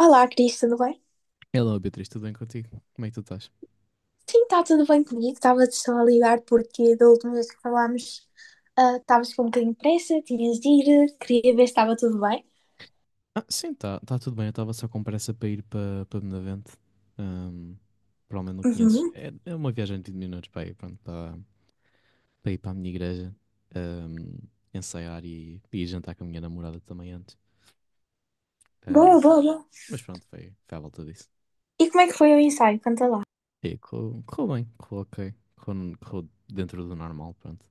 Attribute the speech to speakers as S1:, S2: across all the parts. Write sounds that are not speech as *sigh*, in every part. S1: Olá, Cris, tudo bem?
S2: Hello, Beatriz, tudo bem contigo? Como é que tu estás?
S1: Sim, está tudo bem comigo. Estava-te só a ligar porque da última vez que falámos, estavas com um bocadinho de pressa, tinhas de ir, queria ver se estava tudo bem.
S2: Ah, sim, tá tudo bem. Eu estava só com pressa para ir para Benavente. Ahm, Provavelmente não conheces.
S1: Uhum.
S2: É uma viagem de 20 minutos para ir, pronto, para ir para a minha igreja, ahm, ensaiar e ir jantar com a minha namorada também antes. Ah,
S1: Boa, boa, boa.
S2: mas pronto, foi à volta disso.
S1: E como é que foi o ensaio? Conta lá.
S2: E correu bem, correu ok, correu dentro do normal, pronto.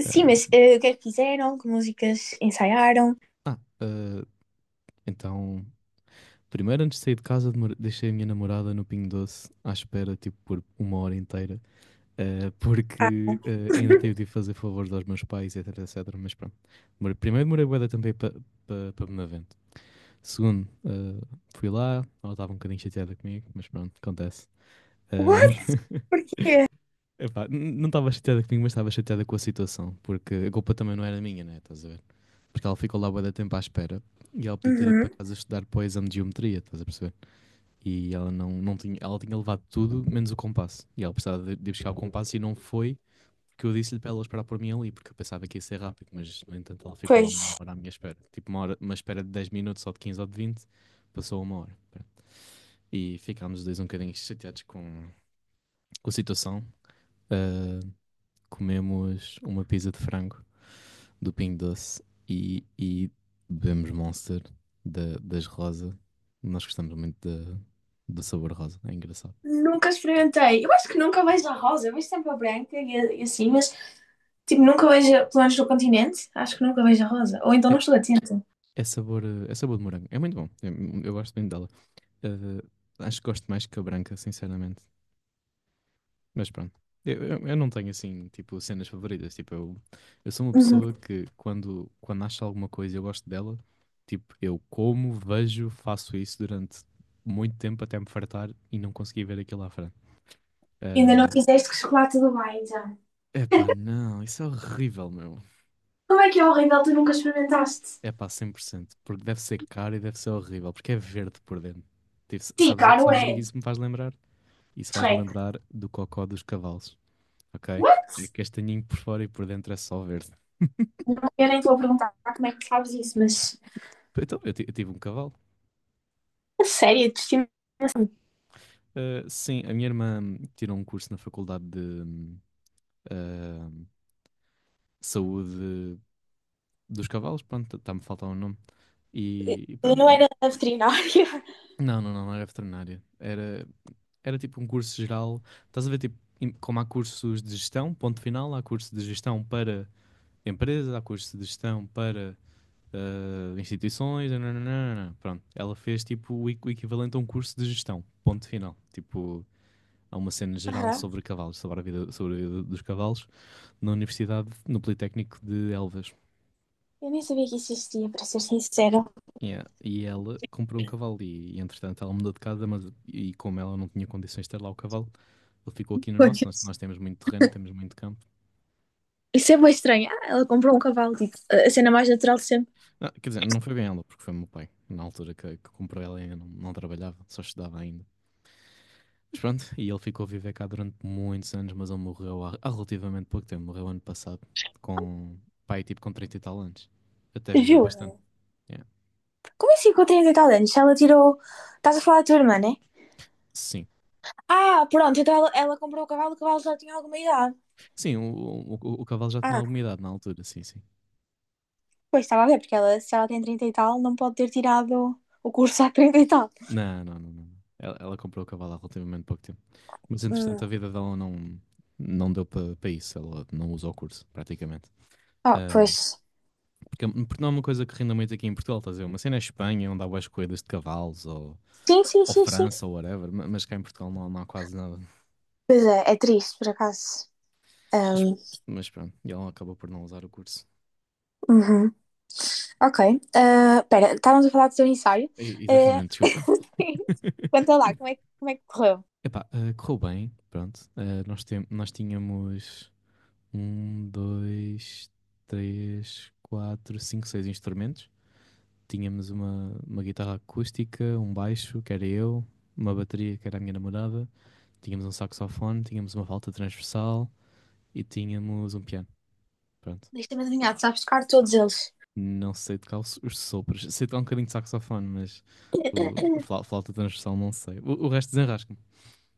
S1: Sim, mas o que é que fizeram? Que músicas ensaiaram?
S2: Ah, ah, ah, então, primeiro, antes de sair de casa, deixei a minha namorada no Pingo Doce à espera, tipo, por uma hora inteira,
S1: Ah,
S2: porque ainda
S1: *laughs*
S2: tive de ir fazer favores aos meus pais, etc, etc. Mas pronto. Primeiro, demorei bué também para me avento. Segundo, fui lá, ela estava um bocadinho chateada comigo, mas pronto, acontece. Eh,
S1: What?
S2: *laughs*
S1: Porquê?
S2: Epá, não estava chateada comigo, mas estava chateada com a situação, porque a culpa também não era minha, né? Estás a ver? Porque ela ficou lá bué da tempo à espera e ela podia ter ido para
S1: Uhum.
S2: casa estudar para o exame de geometria, estás a perceber? E ela não tinha, ela tinha levado tudo menos o compasso. E ela precisava de buscar o compasso e não foi, que eu disse-lhe para ela esperar por mim ali, porque eu pensava que ia ser rápido, mas no entanto ela ficou lá
S1: Pois.
S2: uma hora à minha espera. Tipo uma hora, uma espera de 10 minutos ou de 15 ou de 20, passou uma hora. E ficámos os dois um bocadinho chateados com a situação. Ah, comemos uma pizza de frango do Pingo Doce e bebemos Monster das Rosa. Nós gostamos muito do sabor rosa, é engraçado.
S1: Nunca experimentei. Eu acho que nunca vejo a rosa. Eu vejo sempre a branca e, e assim, mas tipo, nunca vejo, pelo menos no continente, acho que nunca vejo a rosa. Ou então
S2: É,
S1: não estou atenta.
S2: é sabor de morango. É muito bom. Eu gosto muito dela. Eh, Acho que gosto mais que a branca, sinceramente. Mas pronto. Eu não tenho assim, tipo, cenas favoritas. Tipo, eu sou uma pessoa que quando acho alguma coisa e eu gosto dela, tipo, eu como, vejo, faço isso durante muito tempo até me fartar e não conseguir ver aquilo à frente.
S1: Ainda não fizeste com chocolate do Dubai, já.
S2: Epá, não, isso é horrível, meu.
S1: Como é que é horrível, tu nunca experimentaste?
S2: Epá, 100%. Porque deve ser caro e deve ser horrível, porque é verde por dentro. Tipo,
S1: Sim,
S2: sabes,
S1: claro,
S2: sabes o que é que
S1: é.
S2: isso me faz lembrar? Isso faz-me
S1: Shrek.
S2: lembrar do cocó dos cavalos, ok? É
S1: What?
S2: castanhinho por fora e por dentro é só verde.
S1: Não. Eu nem vou perguntar como é que sabes isso, mas...
S2: Então, eu tive um cavalo.
S1: A sério, de estimação.
S2: Ah, sim, a minha irmã tirou um curso na faculdade de ah, saúde dos cavalos, pronto, está-me a faltar o nome. E
S1: Eu
S2: pronto,
S1: não era veterinária. *laughs*
S2: não, não, não, não era veterinária. Era tipo um curso geral. Estás a ver, tipo, como há cursos de gestão, ponto final, há curso de gestão para empresas. Há curso de gestão para instituições, nananana. Pronto. Ela fez tipo o equivalente a um curso de gestão, ponto final. Tipo, há uma cena geral
S1: Aham.
S2: sobre cavalos, sobre a vida dos cavalos, na universidade, no Politécnico de Elvas.
S1: Eu nem sabia que isso existia, para ser sincera.
S2: Yeah. E ela comprou um cavalo e, entretanto ela mudou de casa, mas e como ela não tinha condições de ter lá o cavalo, ele ficou aqui no nosso. Nós,
S1: Pois.
S2: nós temos muito terreno, temos muito campo.
S1: Isso é bem estranho. Ah, ela comprou um cavalo, tipo, a cena mais natural de sempre.
S2: Ah, quer dizer, não foi bem ela, porque foi o meu pai. Na altura que comprou ela, ainda não trabalhava, só estudava ainda. Mas pronto, e ele ficou a viver cá durante muitos anos, mas ele morreu há relativamente pouco tempo, morreu ano passado, com pai tipo com 30 e tal anos. Até viveu
S1: Viu?
S2: bastante. Yeah.
S1: Como é assim com 30 e tal anos? Se ela tirou. Estás a falar da tua irmã, né?
S2: Sim.
S1: Ah, pronto, então ela comprou o cavalo já tinha alguma idade.
S2: Sim, o cavalo já tinha
S1: Ah,
S2: alguma idade na altura, sim, sim.
S1: pois estava a ver, porque ela, se ela tem 30 e tal, não pode ter tirado o curso há 30 e tal.
S2: Não, não, não, não. Ela comprou o cavalo há relativamente pouco tempo. Mas entretanto
S1: Hum.
S2: a vida dela não deu para isso, ela não usou o curso, praticamente.
S1: Ah,
S2: Ahm,
S1: pois.
S2: porque não é uma coisa que renda muito aqui em Portugal, estás a ver? Uma cena é Espanha, onde há boas corridas de cavalos, ou,
S1: Sim, sim,
S2: ou
S1: sim, sim.
S2: França, ou whatever, mas cá em Portugal não há quase nada.
S1: Pois é, é triste, por acaso.
S2: Mas,
S1: Ahm,
S2: mas pronto, e ela acabou por não usar o curso.
S1: uhum. Ok. Ah, pera, estávamos a falar do teu ensaio. Ah,
S2: Exatamente, desculpa.
S1: *laughs* Conta lá, como é, como é que correu?
S2: Epá, correu bem, pronto. Ah, nós tínhamos um, dois, três, quatro, cinco, seis instrumentos. Tínhamos uma guitarra acústica, um baixo, que era eu, uma bateria, que era a minha namorada. Tínhamos um saxofone, tínhamos uma flauta transversal e tínhamos um piano. Pronto.
S1: Deixa-me adivinhar, tu sabes tocar todos eles.
S2: Não sei tocar os sopros. Sei tocar um bocadinho de saxofone, mas o, a
S1: *coughs*
S2: flau- flauta transversal não sei. O resto desenrasco.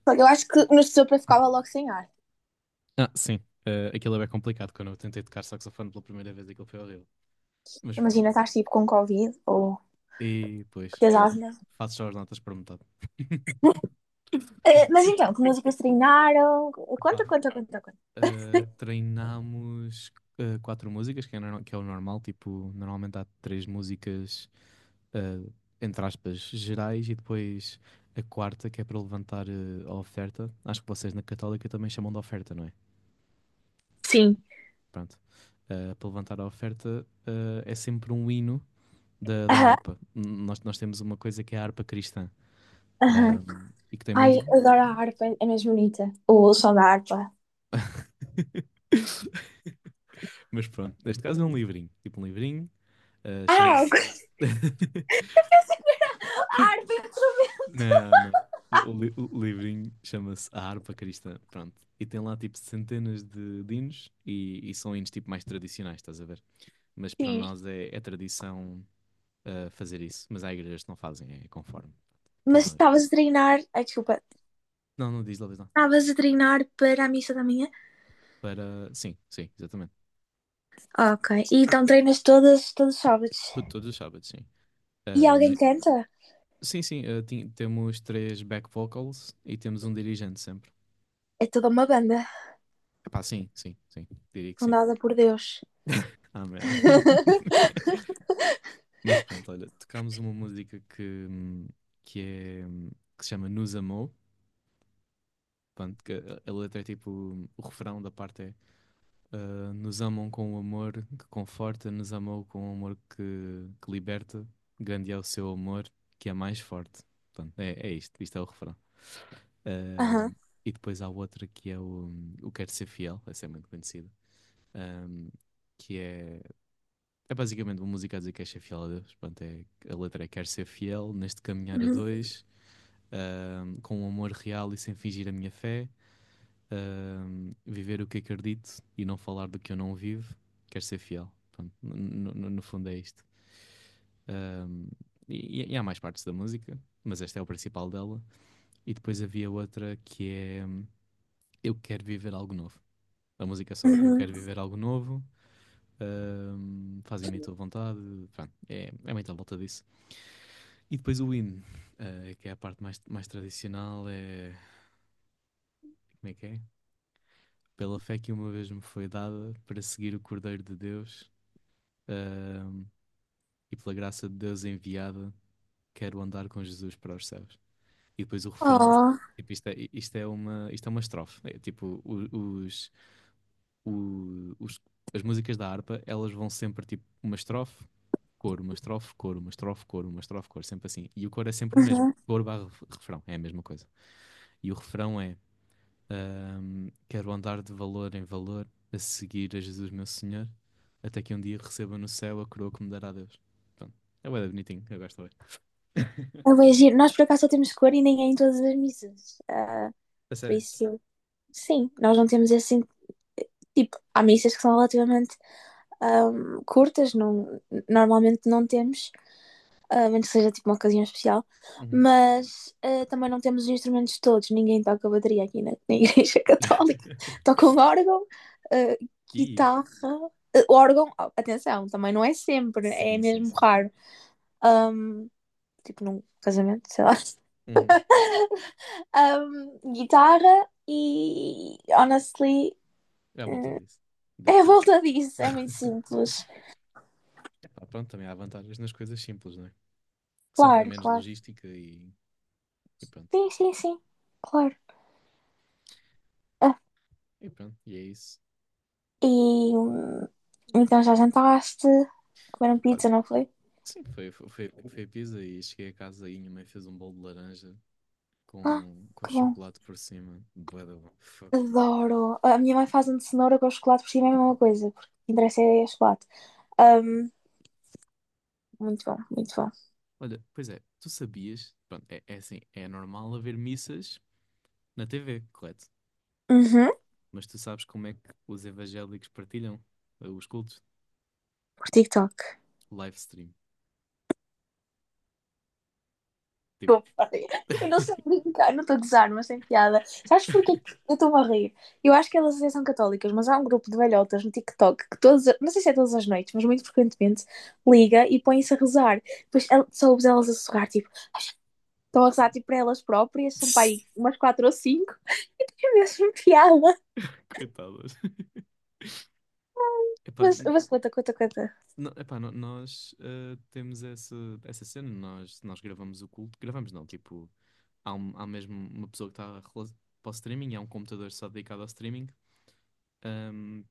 S1: Porque eu acho que no sopa ficava logo sem ar.
S2: Ah, sim. Aquilo é bem complicado. Quando eu tentei tocar saxofone pela primeira vez, aquilo foi horrível. Mas pronto.
S1: Imagina, estás tipo com Covid ou
S2: E
S1: que
S2: depois,
S1: tens
S2: fa
S1: asma.
S2: faço só as notas por metade. *laughs*
S1: Mas então, que músicas treinaram?
S2: Epá,
S1: Conta, conta, conta, conta.
S2: treinámos quatro músicas, que é, que é o normal. Tipo, normalmente há três músicas, eh, entre aspas, gerais, e depois a quarta, que é para levantar a oferta. Acho que vocês na Católica também chamam de oferta, não é?
S1: Sim.
S2: Pronto. Para levantar a oferta, é sempre um hino da
S1: Aham,
S2: harpa. Nós temos uma coisa que é a harpa cristã,
S1: aham.
S2: e que tem muitos
S1: Ai,
S2: livros.
S1: adoro a
S2: Pronto.
S1: harpa, é mais bonita. O som da harpa.
S2: *laughs* Mas pronto, neste caso é um livrinho. Tipo um livrinho,
S1: *laughs* Eu
S2: chama-se. *laughs*
S1: pensei que a harpa é um instrumento.
S2: Não, não. O livrinho chama-se A Harpa Cristã. Pronto. E tem lá tipo centenas de hinos e são hinos tipo mais tradicionais, estás a ver? Mas para
S1: Sim.
S2: nós é tradição, fazer isso. Mas há igrejas que não fazem, é conforme.
S1: Mas
S2: Cada um.
S1: estavas a treinar. Ai, desculpa.
S2: Não, não, diz lá, diz lá.
S1: Estavas a treinar para a missa da manhã?
S2: Para. Sim, sim, exatamente.
S1: Ok. E então treinas todas, todos os sábados.
S2: Tudo, todos os sábados, sim.
S1: E
S2: Ah,
S1: alguém canta?
S2: sim, sim, temos três back vocals e temos um dirigente sempre.
S1: É toda uma banda,
S2: Epá, sim, sim, sim, diria que sim.
S1: fundada por Deus.
S2: Amém. *laughs*
S1: *laughs*
S2: Mas pronto, olha, tocámos uma música que é que se chama Nos Amou. Pronto, que a letra é tipo, o refrão da parte é, Nos amam com o amor que conforta, nos amou com o amor que liberta, grande é o seu amor que é mais forte. Pronto, é isto, isto é o refrão. Ahm,
S1: Aham.
S2: e depois há outra que é o Quero Ser Fiel, essa é muito conhecida. Ahm, que é, é basicamente uma música a dizer que és ser fiel a Deus. Pronto, a letra é Quero ser fiel neste caminhar a
S1: Uhum.
S2: dois, com um amor real e sem fingir a minha fé, viver o que acredito e não falar do que eu não vivo. Quero ser fiel. Pronto, no fundo é isto. Ahm, e há mais partes da música, mas esta é o principal dela. E depois havia outra que é Eu Quero Viver Algo Novo. A música é só, eu
S1: Uhum.
S2: quero viver algo novo, fazem-me a tua vontade, pronto, é muito à volta disso. E depois o hino, que é a parte mais tradicional, é. Como é que é? Pela fé que uma vez me foi dada para seguir o Cordeiro de Deus, ahm, e pela graça de Deus enviada, quero andar com Jesus para os céus. E depois o refrão,
S1: Oh,
S2: tipo, isto é uma estrofe, é, tipo, o- os- as músicas da harpa, elas vão sempre tipo uma estrofe, coro, uma estrofe, coro, uma estrofe, coro, uma estrofe, coro, sempre assim. E o coro é sempre o mesmo.
S1: uhum.
S2: Coro barra refrão, é a mesma coisa. E o refrão é: Quero andar de valor em valor, a seguir a Jesus meu Senhor, até que um dia receba no céu a coroa que me dará Deus. Pronto. É bué da bonitinho, eu gosto bué. *laughs*
S1: É bué giro. Nós por acaso só temos cor e nem é em todas as missas.
S2: A
S1: Por
S2: sério.
S1: isso, sim, nós não temos assim. Tipo, há missas que são relativamente curtas, não, normalmente não temos, a menos que seja tipo uma ocasião especial,
S2: Uhum.
S1: mas também não temos os instrumentos todos, ninguém toca bateria aqui na *laughs* Igreja Católica.
S2: *laughs*
S1: Toca um órgão, ah,
S2: E
S1: guitarra, órgão, oh, atenção, também não é sempre, é
S2: sim, sim,
S1: mesmo
S2: sim.
S1: raro. Tipo num casamento, sei lá.
S2: Uhum.
S1: *laughs* Guitarra e honestly
S2: É a volta disso.
S1: é a
S2: That's it.
S1: volta disso, é muito
S2: *laughs*
S1: simples.
S2: Pá, pronto, também há vantagens nas coisas simples, não é? Sempre é
S1: Claro,
S2: menos
S1: claro.
S2: logística e pronto.
S1: Sim, sim, sim, claro. Ah,
S2: E pronto, e é isso.
S1: e então já jantaste, comeram
S2: Pá,
S1: pizza, não foi?
S2: sim, foi a pizza e cheguei a casa e minha mãe fez um bolo de laranja
S1: Ah,
S2: com
S1: que bom.
S2: chocolate por cima. Bué da bom. Fuck.
S1: Adoro. A minha mãe faz um de cenoura com chocolate por cima, é a mesma coisa, porque o que interessa é chocolate. Um, muito bom, muito bom.
S2: Olha, pois é, tu sabias, pronto, é assim, é normal haver missas na TV, correto?
S1: Uhum,
S2: Mas tu sabes como é que os evangélicos partilham os cultos?
S1: por TikTok.
S2: Live stream. Tipo,
S1: Desculpa. Eu não
S2: *laughs*
S1: sei brincar, não estou a gozar, mas sem piada. Sabes porquê que eu estou-me a rir? Eu acho que elas até são católicas, mas há um grupo de velhotas no TikTok que todas, não sei se é todas as noites, mas muito frequentemente liga e põe-se a rezar. Depois só elas a sussurrar, tipo, estão a rezar tipo, para elas próprias, são para aí umas quatro ou cinco, *laughs* e tem mesmo piada.
S2: coitadas. Epá,
S1: Mas, mas conta, conta, conta.
S2: não, epá, nós temos essa, essa cena, nós gravamos o culto, gravamos não, tipo, há mesmo uma pessoa que está para o streaming, há um computador só dedicado ao streaming, ahm,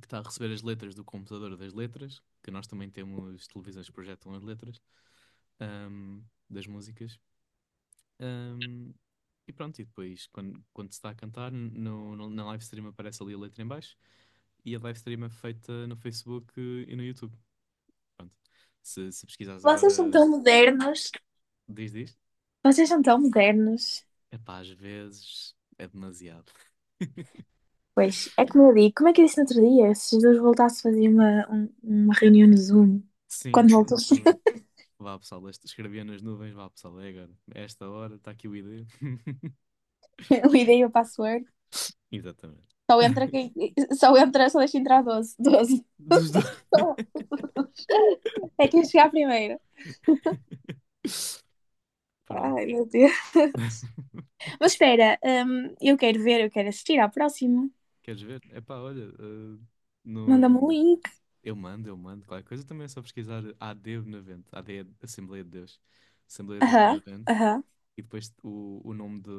S2: que está a receber as letras do computador das letras, que nós também temos televisões que projetam as letras, ahm, das músicas. Ahm, e pronto, e depois quando se está a cantar, na live stream aparece ali a letra em baixo e a live stream é feita no Facebook e no YouTube. Pronto. Se pesquisares
S1: Vocês são
S2: agora,
S1: tão modernos,
S2: diz, diz.
S1: vocês são tão modernos.
S2: Epá, às vezes é demasiado. *laughs*
S1: Pois, é como eu digo, como é que eu disse no outro dia? Se Jesus voltasse a fazer uma, uma reunião no Zoom,
S2: Sim,
S1: quando voltas,
S2: exatamente.
S1: *laughs*
S2: Vá pessoal, escrevia nas nuvens, vá pessoal, é agora. A Esta hora está aqui o ID. *laughs*
S1: eu ideia e *laughs* o password,
S2: Exatamente.
S1: só entra
S2: *laughs*
S1: quem, só entra, só deixa entrar 12 12.
S2: Dos dois.
S1: *laughs* É quem chegar primeiro.
S2: *laughs* Pronto.
S1: Ai, meu Deus.
S2: *laughs*
S1: Mas espera, eu quero ver, eu quero assistir à próxima.
S2: Queres ver? Epá, olha,
S1: Manda-me o
S2: no...
S1: link.
S2: eu mando, qualquer coisa também é só pesquisar a AD 90, AD, Assembleia de Deus. Assembleia de Deus de
S1: Aham,
S2: 90.
S1: aham.
S2: E depois o nome de,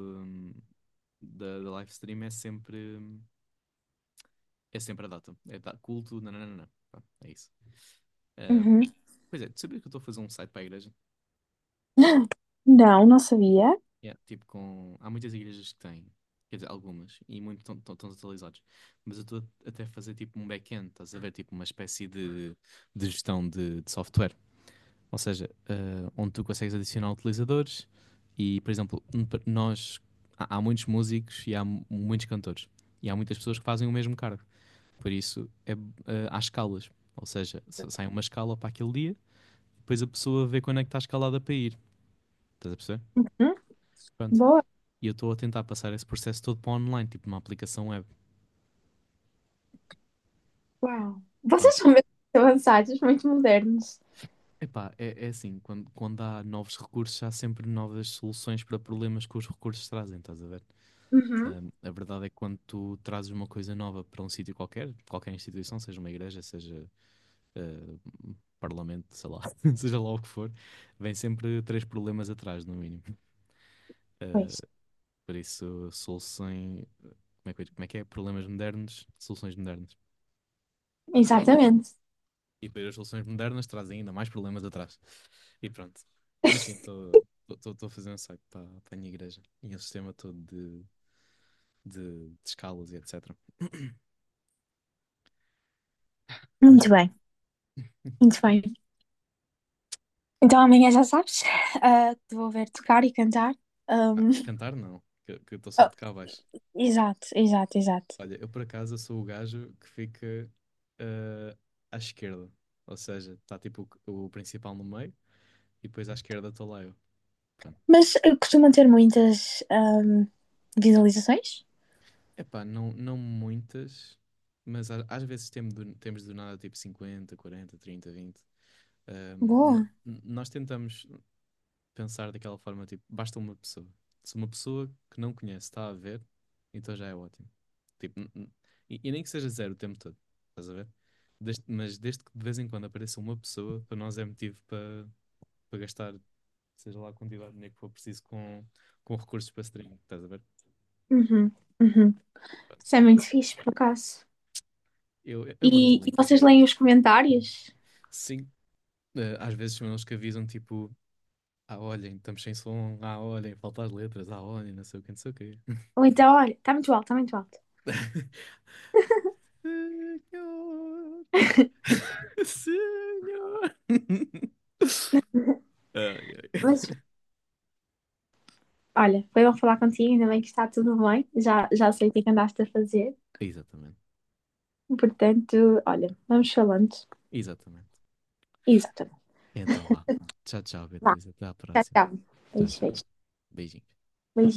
S2: da, da live stream é sempre a data. Culto, nananana. Pá, é isso. Ahm,
S1: Uhum.
S2: Pois é, tu sabias que eu estou a fazer um site para a igreja?
S1: Não, não sabia.
S2: Yeah. Tipo, há muitas igrejas que têm, quer dizer, algumas, e muitos estão atualizados. Mas eu estou até a fazer tipo um back-end, estás a ver? Tipo uma espécie de gestão de software. Ou seja, onde tu consegues adicionar utilizadores e, por exemplo, nós há muitos músicos e há muitos cantores e há muitas pessoas que fazem o mesmo cargo. Por isso é, há escalas. Ou seja, sai uma escala para aquele dia, depois a pessoa vê quando é que está escalada para ir. Estás a perceber?
S1: Uhum.
S2: Pronto.
S1: Boa.
S2: E eu estou a tentar passar esse processo todo para online, tipo numa aplicação web.
S1: Uau. Vocês
S2: Pronto.
S1: são muito avançados, muito modernos.
S2: Epá, é assim, quando há novos recursos, há sempre novas soluções para problemas que os recursos trazem, estás a ver?
S1: Uhum.
S2: A verdade é que quando tu trazes uma coisa nova para um sítio qualquer, qualquer instituição, seja uma igreja, seja ah, um parlamento, sei lá, *laughs* seja lá o que for, vem sempre três problemas atrás, no mínimo. Ah,
S1: Pois,
S2: por isso, soluções. Como é que é? Problemas modernos, soluções modernas.
S1: exatamente.
S2: E depois as soluções modernas trazem ainda mais problemas atrás. E pronto. Mas sim, estou a fazer um site para a minha igreja e um sistema todo de escalas e etc. Mas
S1: Muito
S2: pronto.
S1: bem, muito bem. Então amanhã já sabes, *laughs* te vou ver tocar e cantar.
S2: Ah,
S1: Ahm,
S2: cantar não, que eu estou só
S1: oh,
S2: de cá abaixo.
S1: exato, exato, exato.
S2: Olha, eu por acaso sou o gajo que fica eh, à esquerda. Ou seja, está tipo o principal no meio e depois à esquerda estou lá eu. Pronto.
S1: Mas costuma ter muitas visualizações?
S2: Epá, não, não muitas, mas às vezes temos do nada tipo 50, 40, 30, 20.
S1: Boa.
S2: Nós tentamos pensar daquela forma, tipo, basta uma pessoa. Se uma pessoa que não conhece está a ver, então já é ótimo. Tipo, e nem que seja 0 o tempo todo, estás a ver? Mas desde que de vez em quando apareça uma pessoa, para nós é motivo para gastar, seja lá a quantidade de dinheiro que for preciso com recursos para streaming, estás a ver?
S1: Uhum, uhum.
S2: Pronto.
S1: Isso é muito fixe, por acaso.
S2: Eu mando
S1: E,
S2: o
S1: e
S2: link e
S1: vocês
S2: depois vês.
S1: leem os comentários?
S2: Sim, às vezes são eles que avisam, tipo, ah, olhem, estamos sem som, ah, olhem, faltam as letras, ah, olhem, não sei o que, não sei o quê.
S1: Ou então, olha, está muito alto, está muito alto. *laughs*
S2: *laughs* *laughs* Senhor. *laughs* Ai, ai.
S1: Mas, olha, foi bom falar contigo, ainda bem que está tudo bem. Já, já sei o que é que andaste a fazer.
S2: Exatamente.
S1: Portanto, olha, vamos falando.
S2: Exatamente.
S1: Exatamente.
S2: Então vá. Tchau, tchau,
S1: Vá,
S2: Beatriz. Até à
S1: tchau,
S2: próxima.
S1: tchau.
S2: Tchau,
S1: Beijo,
S2: tchau.
S1: beijo.
S2: Beijinhos.
S1: Beijinho.